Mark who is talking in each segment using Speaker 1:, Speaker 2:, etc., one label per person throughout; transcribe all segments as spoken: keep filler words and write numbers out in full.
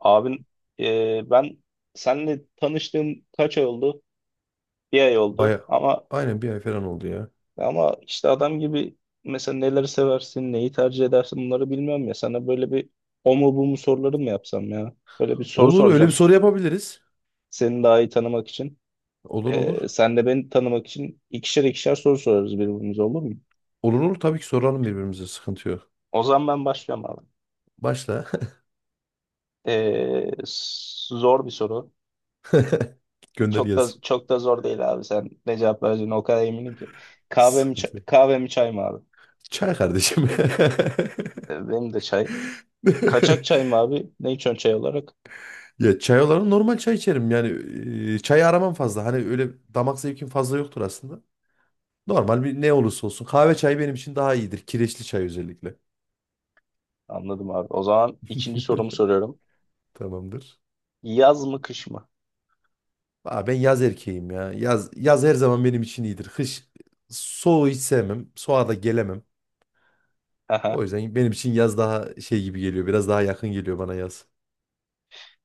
Speaker 1: Abin, e, ben seninle tanıştığım kaç ay oldu? Bir ay oldu.
Speaker 2: Baya
Speaker 1: Ama
Speaker 2: aynen bir ay falan oldu ya.
Speaker 1: ama işte adam gibi, mesela neleri seversin, neyi tercih edersin, bunları bilmiyorum ya. Sana böyle bir o mu bu mu soruları mı yapsam ya? Böyle bir soru
Speaker 2: Olur, öyle bir
Speaker 1: soracağım.
Speaker 2: soru yapabiliriz.
Speaker 1: Seni daha iyi tanımak için.
Speaker 2: Olur
Speaker 1: E,
Speaker 2: olur.
Speaker 1: sen de beni tanımak için ikişer ikişer soru sorarız birbirimize, olur mu?
Speaker 2: Olur olur, tabii ki soralım birbirimize, sıkıntı yok.
Speaker 1: O zaman ben başlıyorum abi.
Speaker 2: Başla.
Speaker 1: E, s- zor bir soru.
Speaker 2: Gönder
Speaker 1: Çok da
Speaker 2: gelsin.
Speaker 1: çok da zor değil abi. Sen ne cevap vereceğine o kadar eminim ki. Kahve mi, çay-
Speaker 2: Sıkıntı yok.
Speaker 1: kahve mi çay mı abi?
Speaker 2: Çay kardeşim.
Speaker 1: E, Benim de çay. Kaçak çay mı abi? Ne içiyorsun çay olarak?
Speaker 2: Ya çay olarak normal çay içerim yani, e, çayı aramam fazla, hani öyle damak zevkim fazla yoktur aslında. Normal, bir ne olursa olsun kahve çayı benim için daha iyidir, kireçli çay özellikle.
Speaker 1: Anladım abi. O zaman ikinci sorumu soruyorum.
Speaker 2: Tamamdır.
Speaker 1: Yaz mı kış mı?
Speaker 2: Aa, ben yaz erkeğim ya. Yaz, yaz her zaman benim için iyidir. Kış soğuğu hiç sevmem. Soğuğa da gelemem.
Speaker 1: Aha.
Speaker 2: O yüzden benim için yaz daha şey gibi geliyor. Biraz daha yakın geliyor bana yaz.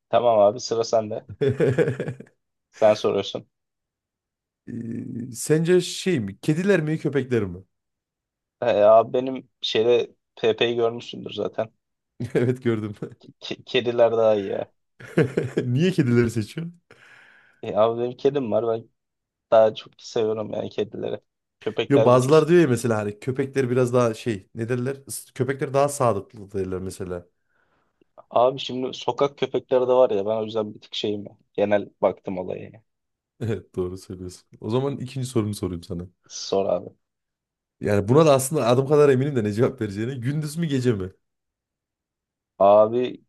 Speaker 1: Tamam abi, sıra sende. Sen soruyorsun.
Speaker 2: Ee, Sence şey mi? Kediler mi köpekler mi?
Speaker 1: E, abi benim şeyde Pepe'yi görmüşsündür zaten.
Speaker 2: Evet, gördüm.
Speaker 1: Ke- kediler daha iyi ya.
Speaker 2: Niye kedileri seçiyorsun?
Speaker 1: E, abi benim kedim var. Ben daha çok seviyorum yani kedileri.
Speaker 2: Yo,
Speaker 1: Köpekler bir tık.
Speaker 2: bazılar diyor ya mesela, hani köpekler biraz daha şey, ne derler? Is- Köpekler daha sadıklı derler mesela.
Speaker 1: Abi şimdi sokak köpekleri de var ya. Ben o yüzden bir tık şeyim ya. Genel baktım olaya ya.
Speaker 2: Evet, doğru söylüyorsun. O zaman ikinci sorumu sorayım sana.
Speaker 1: Sor abi.
Speaker 2: Yani buna da aslında adım kadar eminim de ne cevap vereceğine. Gündüz mü gece mi?
Speaker 1: Abi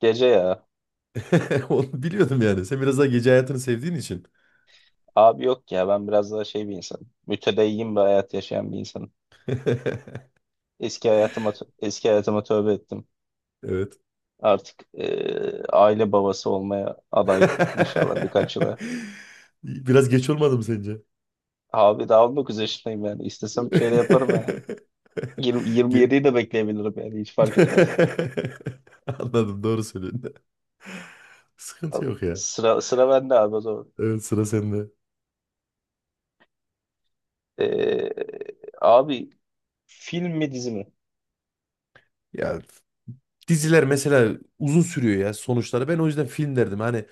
Speaker 1: gece ya.
Speaker 2: Onu biliyordum yani. Sen biraz daha gece hayatını sevdiğin için.
Speaker 1: Abi yok ya, ben biraz daha şey bir insanım. Mütedeyyin bir hayat yaşayan bir insanım. Eski hayatıma tö- eski hayatıma tövbe ettim.
Speaker 2: Evet.
Speaker 1: Artık eee, aile babası olmaya aday, inşallah birkaç yıla.
Speaker 2: Biraz geç olmadı mı sence?
Speaker 1: Abi daha on dokuz yaşındayım yani. İstesem şeyle yaparım yani. yirmi,
Speaker 2: Ge-
Speaker 1: yirmi yediyi de bekleyebilirim yani, hiç fark etmez.
Speaker 2: Anladım, doğru söylüyorsun.
Speaker 1: Al-
Speaker 2: Sıkıntı yok ya.
Speaker 1: Sıra sıra bende abi o zaman.
Speaker 2: Evet, sıra sende.
Speaker 1: Eee, Abi film mi dizi mi?
Speaker 2: Ya diziler mesela uzun sürüyor ya sonuçları. Ben o yüzden film derdim. Hani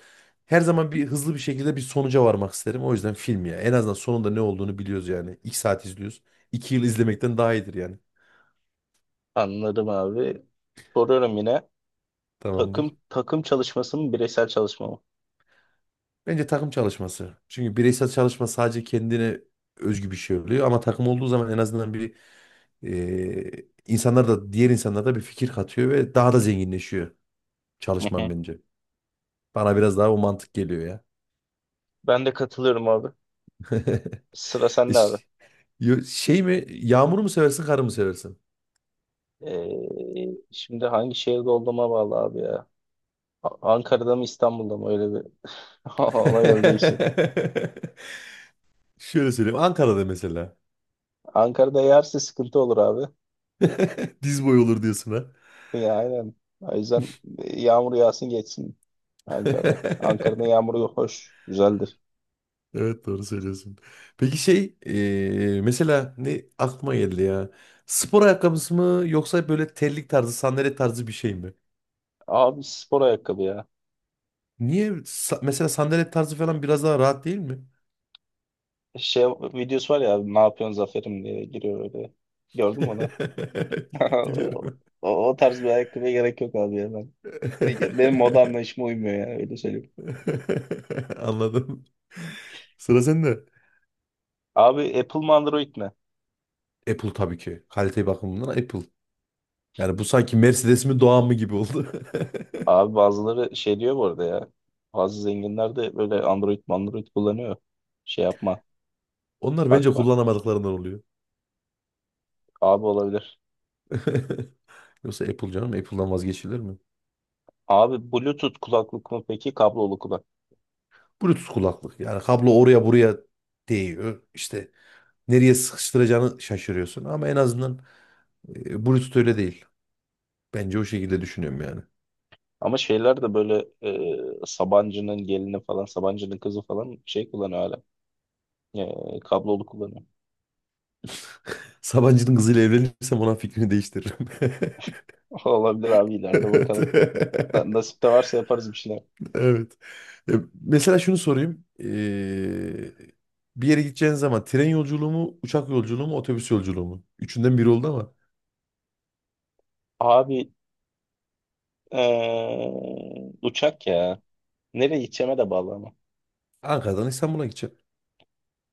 Speaker 2: her zaman bir hızlı bir şekilde bir sonuca varmak isterim. O yüzden film ya. En azından sonunda ne olduğunu biliyoruz yani. İki saat izliyoruz. İki yıl izlemekten daha iyidir yani.
Speaker 1: Anladım abi. Soruyorum yine.
Speaker 2: Tamamdır.
Speaker 1: Takım takım çalışması mı bireysel çalışma mı?
Speaker 2: Bence takım çalışması. Çünkü bireysel çalışma sadece kendine özgü bir şey oluyor, ama takım olduğu zaman en azından bir, e, insanlar da, diğer insanlar da bir fikir katıyor ve daha da zenginleşiyor
Speaker 1: Hı
Speaker 2: çalışman
Speaker 1: hı.
Speaker 2: bence. Bana biraz daha o mantık geliyor ya.
Speaker 1: Ben de katılıyorum abi. Sıra sende abi.
Speaker 2: İş- yo- Şey mi yağmuru mu seversin, karı mı seversin?
Speaker 1: Ee, Şimdi hangi şehirde olduğuma bağlı abi ya. A- Ankara'da mı İstanbul'da mı, öyle bir ona göre değişir.
Speaker 2: Şöyle söyleyeyim, Ankara'da mesela.
Speaker 1: Ankara'da yağarsa sıkıntı olur abi.
Speaker 2: Diz boyu olur diyorsun ha.
Speaker 1: Ya aynen. O yüzden e, yağmur yağsın geçsin Ankara'da. Ankara'da yağmur hoş, güzeldir.
Speaker 2: Evet, doğru söylüyorsun. Peki şey eee, mesela ne aklıma geldi ya. Spor ayakkabısı mı yoksa böyle terlik tarzı, sandalet tarzı bir şey mi?
Speaker 1: Abi spor ayakkabı ya.
Speaker 2: Niye sa- mesela sandalet tarzı falan biraz daha rahat değil mi?
Speaker 1: Şey videosu var ya abi, ne yapıyorsun Zafer'im diye giriyor öyle. Gördün mü onu?
Speaker 2: Biliyorum.
Speaker 1: O, o tarz bir ayakkabıya gerek yok abi ya ben. Benim moda anlayışıma uymuyor yani, öyle söyleyeyim.
Speaker 2: Anladım. Sıra sende.
Speaker 1: Abi Apple mı Android mi?
Speaker 2: Apple tabii ki. Kalite bakımından Apple. Yani bu sanki Mercedes mi Doğan mı gibi oldu.
Speaker 1: Abi bazıları şey diyor bu arada ya. Bazı zenginler de böyle Android Android kullanıyor. Şey yapma.
Speaker 2: Onlar bence
Speaker 1: Bakma.
Speaker 2: kullanamadıklarından oluyor.
Speaker 1: Abi olabilir.
Speaker 2: Yoksa Apple, canım Apple'dan vazgeçilir mi?
Speaker 1: Abi Bluetooth kulaklık mı peki? Kablolu kulak.
Speaker 2: Bluetooth kulaklık. Yani kablo oraya buraya değiyor. İşte nereye sıkıştıracağını şaşırıyorsun. Ama en azından e, Bluetooth öyle değil. Bence o şekilde düşünüyorum yani.
Speaker 1: Ama şeyler de böyle e, Sabancı'nın gelini falan, Sabancı'nın kızı falan şey kullanıyor hala. E, kablolu kullanıyor.
Speaker 2: Sabancı'nın kızıyla evlenirsem ona fikrini değiştiririm.
Speaker 1: Olabilir abi, ileride
Speaker 2: Evet.
Speaker 1: bakalım. Na- Nasip de varsa yaparız bir şeyler.
Speaker 2: Evet. E, Mesela şunu sorayım. E, bir yere gideceğiniz zaman tren yolculuğu mu, uçak yolculuğu mu, otobüs yolculuğu mu? Üçünden biri oldu ama.
Speaker 1: Abi e, uçak ya. Nereye gideceğime de bağlı ama.
Speaker 2: Ankara'dan İstanbul'a gideceğim.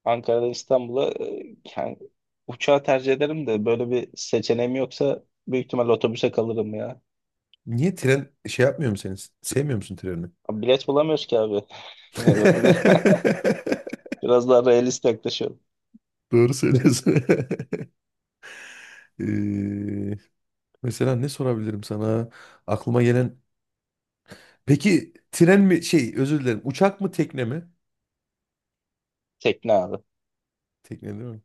Speaker 1: Ankara'dan İstanbul'a, e, yani uçağı tercih ederim de böyle bir seçeneğim yoksa büyük ihtimal otobüse kalırım ya.
Speaker 2: Niye tren şey yapmıyor musun seni? Sevmiyor musun treni?
Speaker 1: Abi bilet bulamıyoruz ki abi. Yani biraz daha realist yaklaşıyorum.
Speaker 2: Doğru söylüyorsun. Ee, mesela ne sorabilirim sana? Aklıma gelen... Peki tren mi şey, özür dilerim, uçak mı tekne mi?
Speaker 1: Tekne abi.
Speaker 2: Tekne değil mi?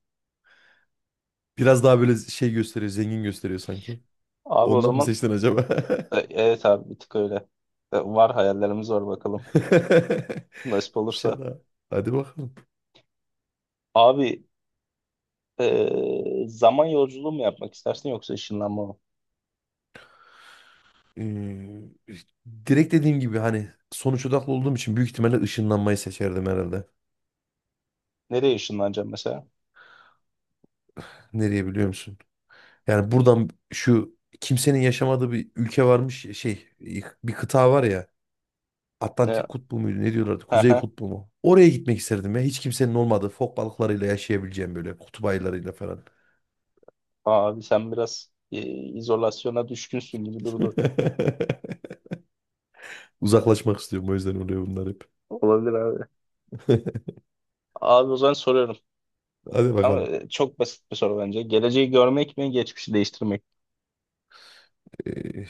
Speaker 2: Biraz daha böyle şey gösteriyor, zengin gösteriyor sanki.
Speaker 1: Abi o
Speaker 2: Ondan mı
Speaker 1: zaman
Speaker 2: seçtin acaba?
Speaker 1: e, evet abi, bir tık öyle. E, Var, hayallerimiz var, bakalım. Nasip olursa.
Speaker 2: Şaka. Hadi bakalım.
Speaker 1: Abi e, zaman yolculuğu mu yapmak istersin yoksa ışınlanma mı?
Speaker 2: Ee, direkt dediğim gibi hani sonuç odaklı olduğum için büyük ihtimalle ışınlanmayı seçerdim herhalde.
Speaker 1: Nereye ışınlanacağım mesela?
Speaker 2: Nereye biliyor musun? Yani buradan şu kimsenin yaşamadığı bir ülke varmış ya, şey, bir kıta var ya,
Speaker 1: Ne?
Speaker 2: Atlantik kutbu muydu ne diyorlardı, Kuzey kutbu mu? Oraya gitmek isterdim ya, hiç kimsenin olmadığı, fok balıklarıyla yaşayabileceğim, böyle kutup ayılarıyla falan.
Speaker 1: Abi sen biraz e, izolasyona düşkünsün gibi durdu.
Speaker 2: Uzaklaşmak istiyorum, o yüzden oluyor bunlar hep.
Speaker 1: Olabilir abi. Abi o zaman soruyorum.
Speaker 2: Hadi
Speaker 1: Ama
Speaker 2: bakalım.
Speaker 1: e, çok basit bir soru bence. Geleceği görmek mi, geçmişi değiştirmek mi?
Speaker 2: Ee,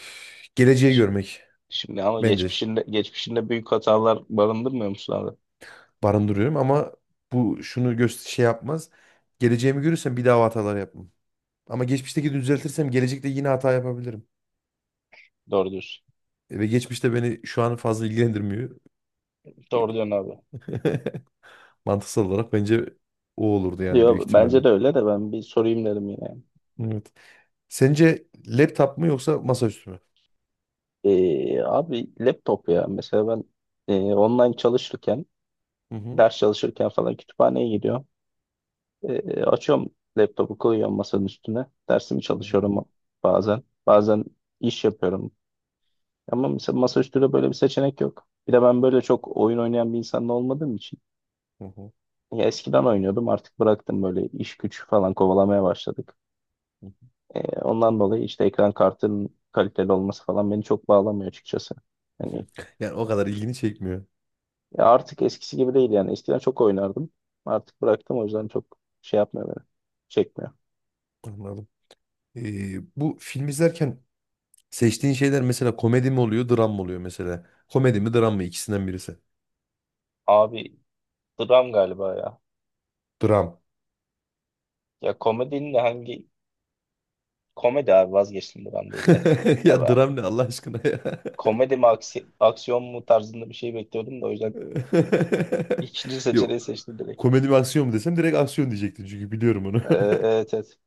Speaker 2: geleceği
Speaker 1: Ş-
Speaker 2: görmek.
Speaker 1: Şimdi ama
Speaker 2: Bence
Speaker 1: geçmişinde geçmişinde büyük hatalar barındırmıyor musun abi?
Speaker 2: barındırıyorum, ama bu şunu göster şey yapmaz. Geleceğimi görürsem bir daha hatalar yapmam. Ama geçmişteki düzeltirsem gelecekte yine hata yapabilirim.
Speaker 1: Doğru diyorsun.
Speaker 2: Ve geçmişte beni şu an fazla ilgilendirmiyor.
Speaker 1: Doğru diyorsun abi.
Speaker 2: Mantıksal olarak bence o olurdu yani, büyük
Speaker 1: Diyor, bence de
Speaker 2: ihtimalle.
Speaker 1: öyle, de ben bir sorayım dedim yine.
Speaker 2: Evet. Sence laptop mu yoksa masaüstü mü?
Speaker 1: Ee, abi laptop ya. Mesela ben e, online çalışırken,
Speaker 2: Hı hı.
Speaker 1: ders çalışırken falan kütüphaneye gidiyorum. Ee, açıyorum laptopu, koyuyorum masanın üstüne. Dersimi
Speaker 2: Hı hı.
Speaker 1: çalışıyorum bazen. Bazen iş yapıyorum. Ama mesela masaüstü de, böyle bir seçenek yok. Bir de ben böyle çok oyun oynayan bir insan olmadığım için.
Speaker 2: Hı hı.
Speaker 1: Ya eskiden oynuyordum, artık bıraktım, böyle iş güç falan kovalamaya başladık. E, ondan dolayı işte ekran kartının kaliteli olması falan beni çok bağlamıyor açıkçası. Hani
Speaker 2: Yani o kadar ilgini çekmiyor.
Speaker 1: ya artık eskisi gibi değil yani. Eskiden çok oynardım. Artık bıraktım, o yüzden çok şey yapmıyor beni. Çekmiyor.
Speaker 2: Anladım. Ee, bu film izlerken seçtiğin şeyler mesela komedi mi oluyor, dram mı oluyor mesela? Komedi mi, dram mı? İkisinden birisi.
Speaker 1: Abi dram galiba ya.
Speaker 2: Dram.
Speaker 1: Ya komedinin de hangi komedi abi, vazgeçtim, dram değil ya.
Speaker 2: Ya
Speaker 1: Abi
Speaker 2: dram ne, Allah aşkına ya.
Speaker 1: komedi mi aksi- aksiyon mu tarzında bir şey bekliyordum da o yüzden İkinci seçeneği
Speaker 2: Yok.
Speaker 1: seçtim direkt.
Speaker 2: Komedi mi aksiyon mu desem direkt aksiyon diyecektin, çünkü biliyorum onu.
Speaker 1: Ee, evet evet.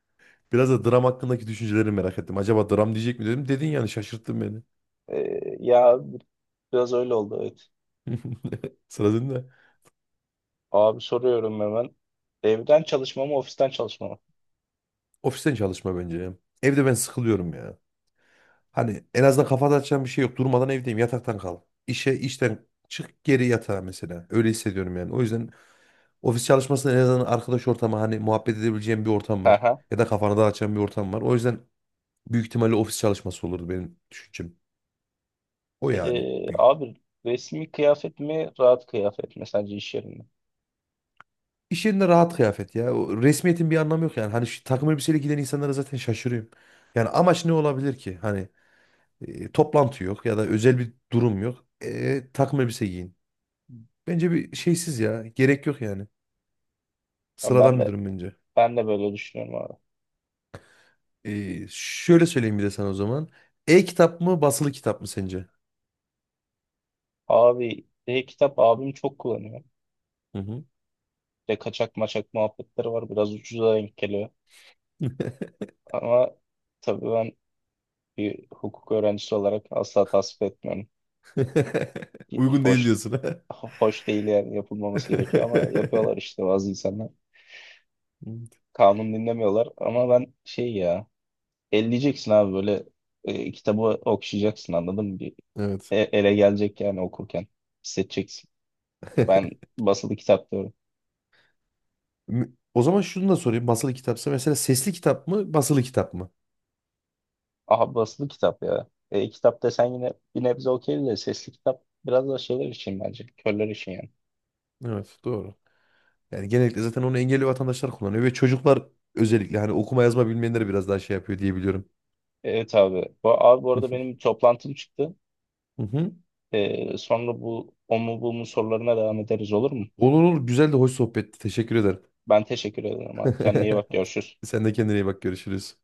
Speaker 2: Biraz da dram hakkındaki düşünceleri merak ettim. Acaba dram diyecek mi dedim. Dedin yani, şaşırttın beni.
Speaker 1: Ee, ya biraz öyle oldu, evet.
Speaker 2: Sıra sende.
Speaker 1: Abi soruyorum hemen. Evden çalışma mı ofisten çalışma mı?
Speaker 2: Ofisten çalışma bence ya. Evde ben sıkılıyorum ya. Hani en azından kafa dağıtacağım bir şey yok. Durmadan evdeyim. Yataktan kal. İşe, işten çık, geri yatağa mesela. Öyle hissediyorum yani. O yüzden ofis çalışmasında en azından arkadaş ortamı, hani muhabbet edebileceğim bir ortam
Speaker 1: Hı
Speaker 2: var.
Speaker 1: hı.
Speaker 2: Ya da kafanı dağıtacağım bir ortam var. O yüzden büyük ihtimalle ofis çalışması olurdu benim düşüncem. O yani.
Speaker 1: Ee,
Speaker 2: Büyük.
Speaker 1: abi resmi kıyafet mi rahat kıyafet mi sence iş yerinde?
Speaker 2: İş yerinde rahat kıyafet ya. O resmiyetin bir anlamı yok yani. Hani şu takım elbiseyle giden insanlara zaten şaşırıyorum. Yani amaç ne olabilir ki? Hani e, toplantı yok ya da özel bir durum yok. E, takım elbise giyin. Bence bir şeysiz ya. Gerek yok yani.
Speaker 1: Ama Ben
Speaker 2: Sıradan bir
Speaker 1: de
Speaker 2: durum bence.
Speaker 1: ben de böyle düşünüyorum abi.
Speaker 2: E, şöyle söyleyeyim bir de sana o zaman. E-kitap mı basılı kitap mı sence?
Speaker 1: Abi e-kitap abim çok kullanıyor.
Speaker 2: Hı hı.
Speaker 1: Ve kaçak maçak muhabbetleri var. Biraz ucuza denk geliyor. Ama tabii ben bir hukuk öğrencisi olarak asla tasvip etmiyorum.
Speaker 2: Uygun değil
Speaker 1: Hoş
Speaker 2: diyorsun. Ha?
Speaker 1: ho- Hoş değil yani, yapılmaması gerekiyor ama yapıyorlar işte bazı insanlar. Kanun dinlemiyorlar ama ben şey ya, elleyeceksin abi, böyle e, kitabı okşayacaksın, anladın mı? Bir
Speaker 2: Evet.
Speaker 1: e- ele gelecek yani, okurken hissedeceksin. Ben basılı kitap diyorum.
Speaker 2: Mü- O zaman şunu da sorayım. Basılı kitapsa mesela, sesli kitap mı, basılı kitap mı?
Speaker 1: Aha, basılı kitap ya. E, kitap desen yine bir nebze okey de sesli kitap biraz da şeyler için, bence körler için yani.
Speaker 2: Evet, doğru. Yani genellikle zaten onu engelli vatandaşlar kullanıyor ve çocuklar, özellikle hani okuma yazma bilmeyenleri biraz daha şey yapıyor diye biliyorum.
Speaker 1: Evet abi. Bu, abi, bu arada benim bir toplantım çıktı.
Speaker 2: Hı hı.
Speaker 1: E, sonra bu o mu bu mu sorularına devam ederiz, olur mu?
Speaker 2: Olur olur. Güzel de hoş sohbetti. Teşekkür ederim.
Speaker 1: Ben teşekkür ederim abi. Kendine iyi bak. Görüşürüz.
Speaker 2: Sen de kendine iyi bak. Görüşürüz.